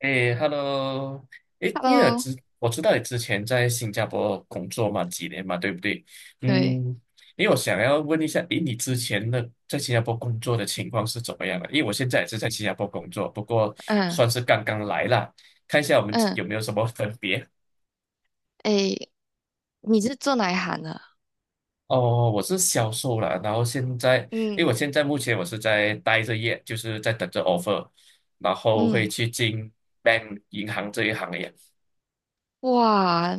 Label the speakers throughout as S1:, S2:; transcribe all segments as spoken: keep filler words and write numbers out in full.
S1: 哎，Hello，哎，因为我
S2: Hello，
S1: 知我知道你之前在新加坡工作嘛，几年嘛，对不对？
S2: 对，
S1: 嗯，因为我想要问一下，诶，你之前的在新加坡工作的情况是怎么样的？因为我现在也是在新加坡工作，不过
S2: 嗯
S1: 算是刚刚来啦，看一下我们
S2: 嗯，
S1: 有没有什么分别。
S2: 诶，你是做哪一行的？
S1: 哦，我是销售啦，然后现在，
S2: 嗯
S1: 因为我现在目前我是在待着业，就是在等着 offer，然后会
S2: 嗯，
S1: 去进 bank 银行这一行业。
S2: 哇，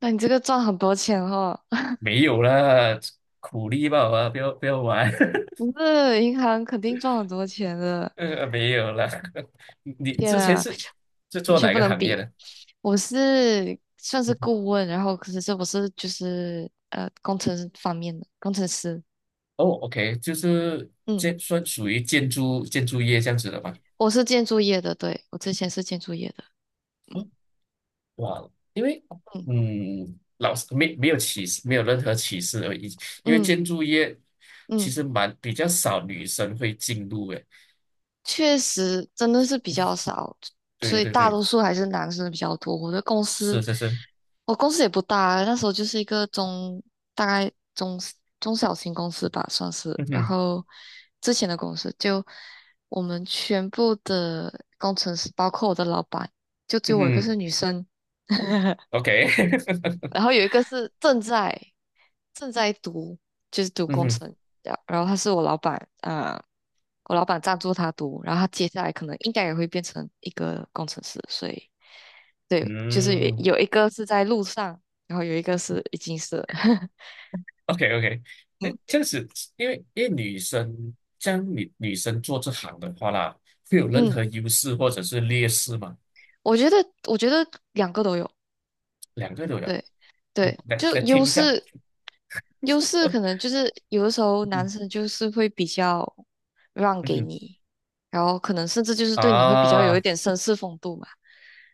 S2: 那你这个赚很多钱哦，
S1: 没有啦，苦力吧，啊，不要不要玩，
S2: 你这银行肯定赚很多钱的。
S1: 呃，没有啦。你
S2: 天
S1: 之前
S2: 啊，
S1: 是是
S2: 完
S1: 做
S2: 全
S1: 哪
S2: 不
S1: 个
S2: 能
S1: 行业
S2: 比。
S1: 的？
S2: 我是算是顾问，然后可是这我是就是呃工程师方面的工程师，
S1: 哦，OK，就是
S2: 嗯，
S1: 建算属于建筑建筑业这样子的吧？
S2: 我是建筑业的，对，我之前是建筑业的，嗯
S1: 哇，因为
S2: 嗯
S1: 嗯，老师没没有歧视，没有任何歧视而已，因为
S2: 嗯
S1: 建筑业其
S2: 嗯。
S1: 实蛮比较少女生会进入诶。
S2: 确实真的是比较少，所
S1: 对
S2: 以
S1: 对
S2: 大
S1: 对，
S2: 多数还是男生比较多。我的公
S1: 是
S2: 司，
S1: 是是，
S2: 我公司也不大，那时候就是一个中，大概中中小型公司吧，算是。
S1: 嗯
S2: 然
S1: 哼
S2: 后之前的公司就我们全部的工程师，包括我的老板，就只
S1: 嗯
S2: 有我一个
S1: 哼
S2: 是女生。
S1: ，OK，
S2: 然后有一个是正在正在读，就是 读
S1: 嗯
S2: 工
S1: 哼
S2: 程，然然后他是我老板啊、我老板赞助他读，然后他接下来可能应该也会变成一个工程师，所以对，就是有
S1: 嗯。
S2: 有一个是在路上，然后有一个是已经是了
S1: O K O K，哎，
S2: 嗯
S1: 这样子，因为因为女生，这样女女生做这行的话啦，会有任
S2: 嗯，
S1: 何优势或者是劣势吗？
S2: 我觉得我觉得两个都有，
S1: 两个都有。
S2: 对
S1: 嗯
S2: 对，
S1: 来
S2: 就
S1: 来听
S2: 优
S1: 一下，
S2: 势优势可能 就是有的时候男
S1: 嗯
S2: 生就是会比较让
S1: 嗯
S2: 给
S1: 哼
S2: 你，然后可能甚至就是对你会比较有一
S1: 啊
S2: 点绅士风度嘛。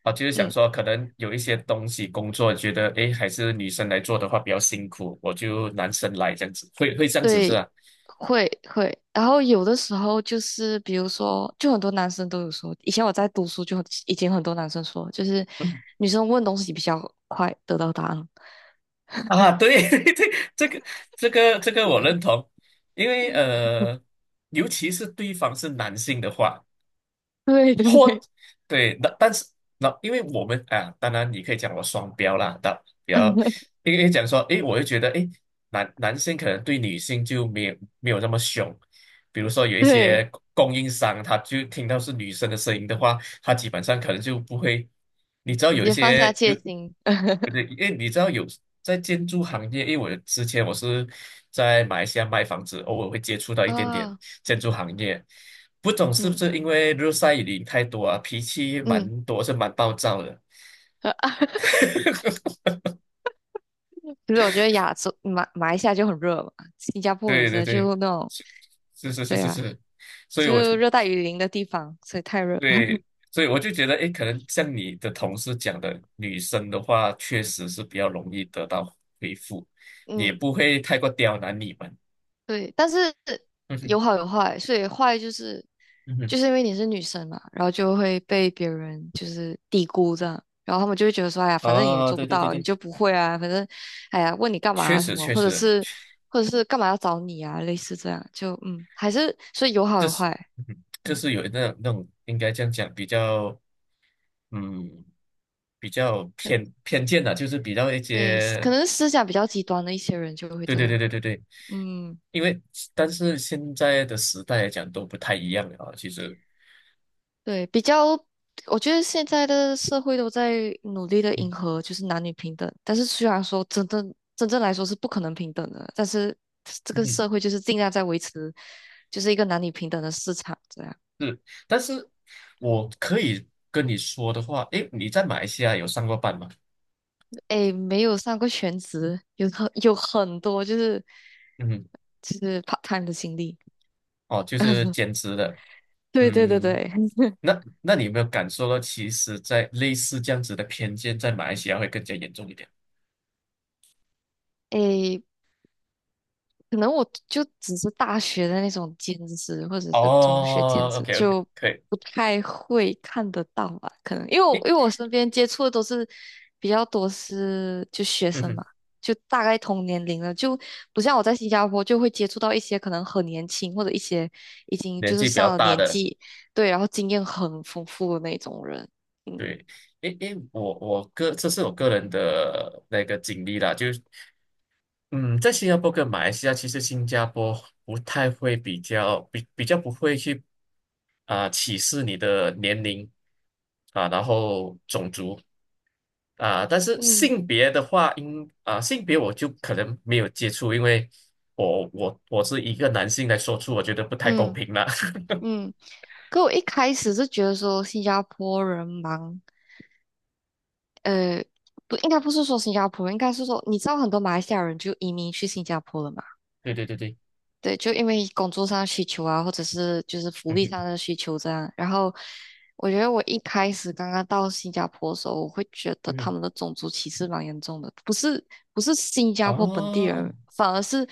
S1: 啊，就是想
S2: 嗯，
S1: 说，可能有一些东西工作，觉得哎诶还是女生来做的话比较辛苦，我就男生来这样子，会会这样子是
S2: 对，
S1: 吧？
S2: 会会。然后有的时候就是比如说，就很多男生都有说，以前我在读书就很已经很多男生说，就是
S1: 嗯
S2: 女生问东西比较快得到答案。
S1: 啊，对 对，这个这个这个我认同，因为呃，尤其是对方是男性的话。
S2: 对对
S1: 或
S2: 对，
S1: 对，那但是那因为我们啊，当然你可以讲我双标啦，但比较 因为讲说，诶，我就觉得，诶，男男性可能对女性就没有没有那么凶，比如说有一
S2: 对，
S1: 些供应商，他就听到是女生的声音的话，他基本上可能就不会，你知道
S2: 直
S1: 有一
S2: 接放下
S1: 些
S2: 戒
S1: 有，
S2: 心
S1: 不对，因为你知道有在建筑行业，因为我之前我是在马来西亚卖房子，偶尔会接触到一点点。
S2: 啊，
S1: 建筑行业，不懂是不
S2: 嗯
S1: 是因为日晒雨淋太多啊，脾气
S2: 嗯。
S1: 蛮多，是蛮暴躁的。
S2: 就是我觉得亚洲马马来西亚就很热嘛，新加坡也
S1: 对
S2: 是
S1: 对
S2: 啊，
S1: 对，
S2: 就那种
S1: 是是是
S2: 对
S1: 是
S2: 啊，
S1: 是，所以
S2: 就
S1: 我
S2: 是
S1: 就
S2: 热带雨林的地方，所以太热了。
S1: 对，所以我就觉得，诶，可能像你的同事讲的，女生的话确实是比较容易得到回复，也
S2: 嗯，
S1: 不会太过刁难你们。
S2: 对，但是
S1: 嗯
S2: 有
S1: 哼，
S2: 好有坏，所以坏就是
S1: 嗯
S2: 就
S1: 哼，
S2: 是因为你是女生嘛，然后就会被别人就是低估这样，然后他们就会觉得说，哎呀，反正你也
S1: 哦，
S2: 做不
S1: 对对对
S2: 到，你
S1: 对，
S2: 就不会啊，反正哎呀，问你干嘛
S1: 确
S2: 啊什
S1: 实
S2: 么，
S1: 确
S2: 或者
S1: 实，
S2: 是或者是干嘛要找你啊，类似这样，就嗯，还是所以有好
S1: 这
S2: 有
S1: 是
S2: 坏，
S1: 嗯哼这
S2: 嗯，
S1: 是有那种那种应该这样讲，比较。嗯，比较偏偏见的，就是比较一
S2: 对，可
S1: 些，
S2: 能思想比较极端的一些人就会
S1: 对
S2: 这
S1: 对对
S2: 样。
S1: 对对对，
S2: 嗯，
S1: 因为但是现在的时代来讲都不太一样了啊，其实，
S2: 对，比较，我觉得现在的社会都在努力的迎
S1: 嗯
S2: 合，就是男女平等。但是虽然说真正真正来说是不可能平等的，但是这个
S1: 嗯
S2: 社会就是尽量在维持，就是一个男女平等的市场这样。
S1: 是，但是我可以跟你说的话，诶，你在马来西亚有上过班吗？
S2: 诶，没有上过全职，有很有很多就是
S1: 嗯，
S2: 就是 part time 的经历。
S1: 哦，就是兼职的，
S2: 对对对
S1: 嗯，
S2: 对，
S1: 那那你有没有感受到，其实，在类似这样子的偏见，在马来西亚会更加严重一点？
S2: 诶，可能我就只是大学的那种兼职，或者是中学兼
S1: 哦
S2: 职，
S1: ，OK OK，
S2: 就
S1: 可以，
S2: 不太会看得到吧？可能因为我因为我身边接触的都是比较多是就学
S1: 嗯
S2: 生
S1: 哼，
S2: 嘛，就大概同年龄的，就不像我在新加坡就会接触到一些可能很年轻或者一些已经就
S1: 年
S2: 是
S1: 纪比较
S2: 上了
S1: 大
S2: 年
S1: 的。
S2: 纪，对，然后经验很丰富的那种人。嗯
S1: 对，因因我我个这是我个人的那个经历啦，就是嗯，在新加坡跟马来西亚，其实新加坡不太会比较比比较不会去啊、歧视你的年龄啊，然后种族啊，但是
S2: 嗯
S1: 性别的话，应啊性别我就可能没有接触，因为我我我是一个男性来说出，我觉得不太公
S2: 嗯
S1: 平啦。
S2: 嗯，可我一开始是觉得说新加坡人忙。呃，不，应该不是说新加坡人应该是说，你知道很多马来西亚人就移民去新加坡了嘛？
S1: 对对对对，
S2: 对，就因为工作上的需求啊，或者是就是福
S1: 嗯
S2: 利
S1: 哼
S2: 上的需求这样。然后，我觉得我一开始刚刚到新加坡的时候，我会觉得
S1: 嗯
S2: 他
S1: 哼，
S2: 们的种族歧视蛮严重的，不是不是新加坡本地
S1: 哦
S2: 人，反而是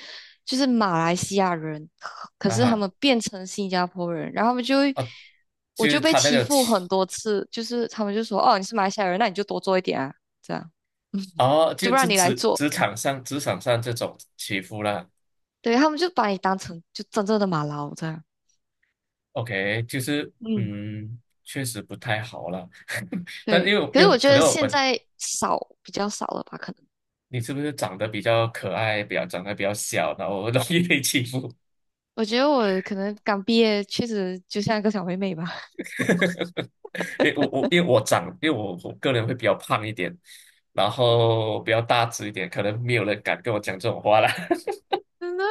S2: 就是马来西亚人，可
S1: 啊
S2: 是他
S1: 哈
S2: 们变成新加坡人，然后他们就会。
S1: 啊，
S2: 我
S1: 就
S2: 就
S1: 是
S2: 被
S1: 他那
S2: 欺
S1: 个。
S2: 负很多次，就是他们就说：“哦，你是马来西亚人，那你就多做一点啊。”这样。
S1: 哦，
S2: 就
S1: 就
S2: 不
S1: 就
S2: 让你来
S1: 职
S2: 做。
S1: 职场上职场上这种欺负啦
S2: 对，他们就把你当成就真正的马劳这样。
S1: ，OK，就是
S2: 嗯，
S1: 嗯，确实不太好了。但是
S2: 对，
S1: 因为我
S2: 可是
S1: 因
S2: 我
S1: 为
S2: 觉
S1: 可
S2: 得
S1: 能我
S2: 现
S1: 本
S2: 在少比较少了吧？可能
S1: 你是不是长得比较可爱，比较长得比较小，然后容易被欺负？
S2: 我觉得我可能刚毕业，确实就像一个小妹妹吧。
S1: 因为我我因为我长，因为我我个人会比较胖一点，然后比较大只一点，可能没有人敢跟我讲这种话啦。
S2: 真的，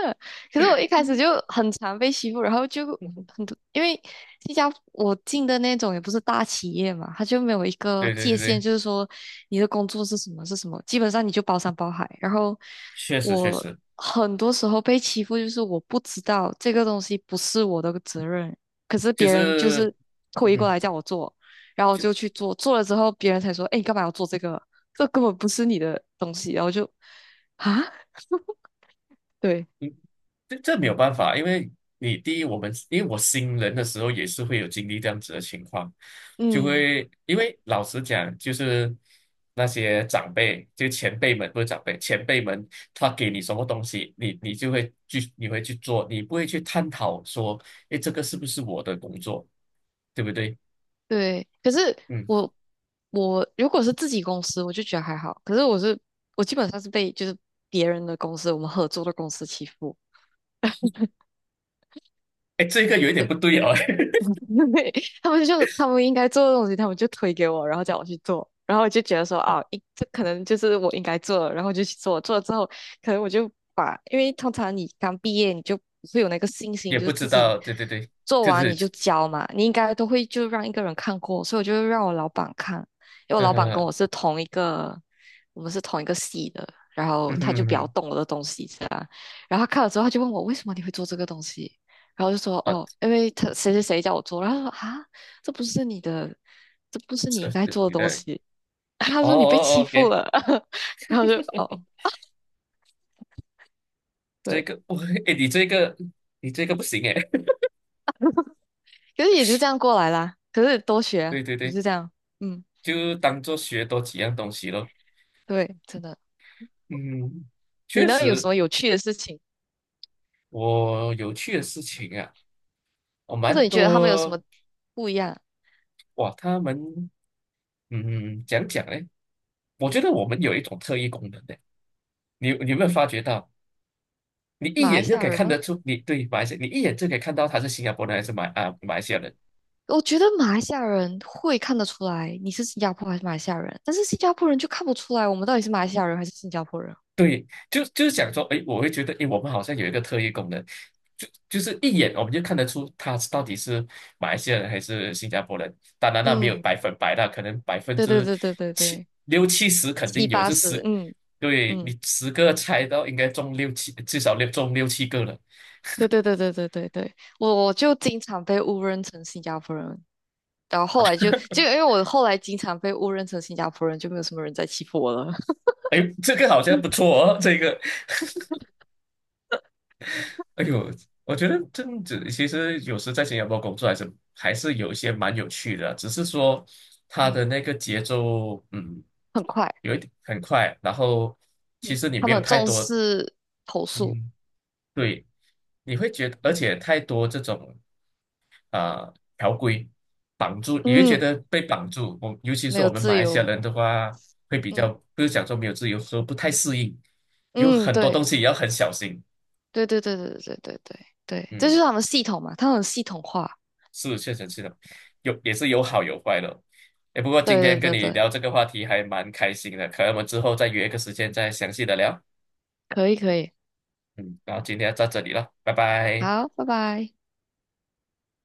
S2: 可是我一开始就很常被欺负，然后就很多，因为新加坡我进的那种也不是大企业嘛，它就没有一个
S1: 对对
S2: 界
S1: 对
S2: 限，
S1: 对，
S2: 就是说你的工作是什么是什么，基本上你就包山包海。然后
S1: 确实确
S2: 我
S1: 实，
S2: 很多时候被欺负，就是我不知道这个东西不是我的责任，可是
S1: 就
S2: 别人就
S1: 是
S2: 是
S1: 嗯
S2: 推过
S1: 哼。
S2: 来叫我做，然后我就去做，做了之后别人才说，哎，你干嘛要做这个？这根本不是你的东西，然后就啊，对，
S1: 这这没有
S2: 嗯
S1: 办法，因为你第一，我们因为我新人的时候也是会有经历这样子的情况，就
S2: 嗯。
S1: 会因为老实讲，就是那些长辈，就前辈们不是长辈，前辈们他给你什么东西，你你就会去你会去做，你不会去探讨说，诶，这个是不是我的工作，对不对？
S2: 对，可是
S1: 嗯，
S2: 我我如果是自己公司，我就觉得还好。可是我是我基本上是被就是别人的公司，我们合作的公司欺负，
S1: 诶，这个有一点不对哦，
S2: 对，他们就他们应该做的东西，他们就推给我，然后叫我去做，然后我就觉得说啊，一这可能就是我应该做的，然后就去做，做了之后，可能我就把，因为通常你刚毕业，你就不会有那个信 心，
S1: 也
S2: 就是
S1: 不知
S2: 自己
S1: 道，对对对，
S2: 做
S1: 就
S2: 完
S1: 是，
S2: 你就交嘛，你应该都会就让一个人看过，所以我就让我老板看，因为我
S1: 嗯
S2: 老板跟我
S1: 嗯
S2: 是同一个，我们是同一个系的，然后
S1: 嗯
S2: 他就比较
S1: 嗯，
S2: 懂我的东西，这样，然后他看了之后，他就问我为什么你会做这个东西。然后就说
S1: 啊，
S2: 哦，因为他谁谁谁叫我做，然后他说啊，这不是你的，这不是你
S1: 这
S2: 应
S1: 呃
S2: 该做的
S1: 你
S2: 东
S1: 的。
S2: 西。他
S1: 哦
S2: 说你被
S1: 哦哦
S2: 欺负
S1: ，OK，
S2: 了，然后就哦，
S1: 这
S2: 对，
S1: 个不会 哎，你这个你这个不行哎，
S2: 可是也就这样过来啦。可是多学 啊
S1: 对对
S2: 也
S1: 对，
S2: 是这样，嗯，
S1: 就当做学多几样东西咯。
S2: 对，真的。
S1: 嗯，
S2: 你
S1: 确
S2: 呢，有什
S1: 实，
S2: 么有趣的事情，
S1: 我有趣的事情啊，我
S2: 或者
S1: 蛮
S2: 你觉得他们有什
S1: 多
S2: 么不一样？
S1: 哇，他们嗯讲讲嘞，我觉得我们有一种特异功能的，你你有没有发觉到？你一
S2: 马来
S1: 眼
S2: 西
S1: 就
S2: 亚
S1: 可以
S2: 人
S1: 看得
S2: 吗？
S1: 出，你对马来西亚，你一眼就可以看到他是新加坡人还是马啊马来西亚人。
S2: 我觉得马来西亚人会看得出来你是新加坡还是马来西亚人，但是新加坡人就看不出来我们到底是马来西亚人还是新加坡人。
S1: 对，就就是想说，哎，我会觉得，哎，我们好像有一个特异功能，就就是一眼我们就看得出他到底是马来西亚人还是新加坡人。当然，那没有
S2: 嗯，
S1: 百分百啦，可能百分
S2: 对对
S1: 之
S2: 对对对
S1: 七
S2: 对。
S1: 六七十肯
S2: 七
S1: 定有，
S2: 八
S1: 就
S2: 十，
S1: 十，
S2: 嗯
S1: 对
S2: 嗯，
S1: 你十个猜到应该中六七，至少六中六七个了。
S2: 对对对对对对对，我我就经常被误认成新加坡人，然后后来就就因为我后来经常被误认成新加坡人，就没有什么人再欺负我了。
S1: 哎，这个好像
S2: 嗯，
S1: 不错哦，这个哎呦，我觉得这样子其实有时在新加坡工作还是还是有一些蛮有趣的，只是说它
S2: 嗯，
S1: 的那个节奏，嗯，
S2: 很快，
S1: 有一点很快，然后其
S2: 嗯，
S1: 实你
S2: 他
S1: 没
S2: 们
S1: 有
S2: 很
S1: 太
S2: 重
S1: 多，
S2: 视投诉，
S1: 嗯，对，你会觉得，而且太多这种啊、呃条规绑住，你会觉
S2: 嗯，
S1: 得被绑住。我尤其
S2: 没
S1: 是我
S2: 有
S1: 们马
S2: 自
S1: 来西亚
S2: 由，
S1: 人的话，会比
S2: 嗯
S1: 较不是讲说没有自由，说不太适应，有
S2: 嗯，
S1: 很多东
S2: 对
S1: 西也要很小心。
S2: 对对对对对对对对对，这就
S1: 嗯。
S2: 是他们系统嘛，他们很系统化，
S1: 是确实是的，有也是有好有坏的。哎，不过今
S2: 对
S1: 天跟
S2: 对对
S1: 你
S2: 对，
S1: 聊这个话题还蛮开心的，可能我们之后再约一个时间再详细的聊。
S2: 可以可以，
S1: 嗯，然后今天到这里了，拜拜。
S2: 好，拜拜。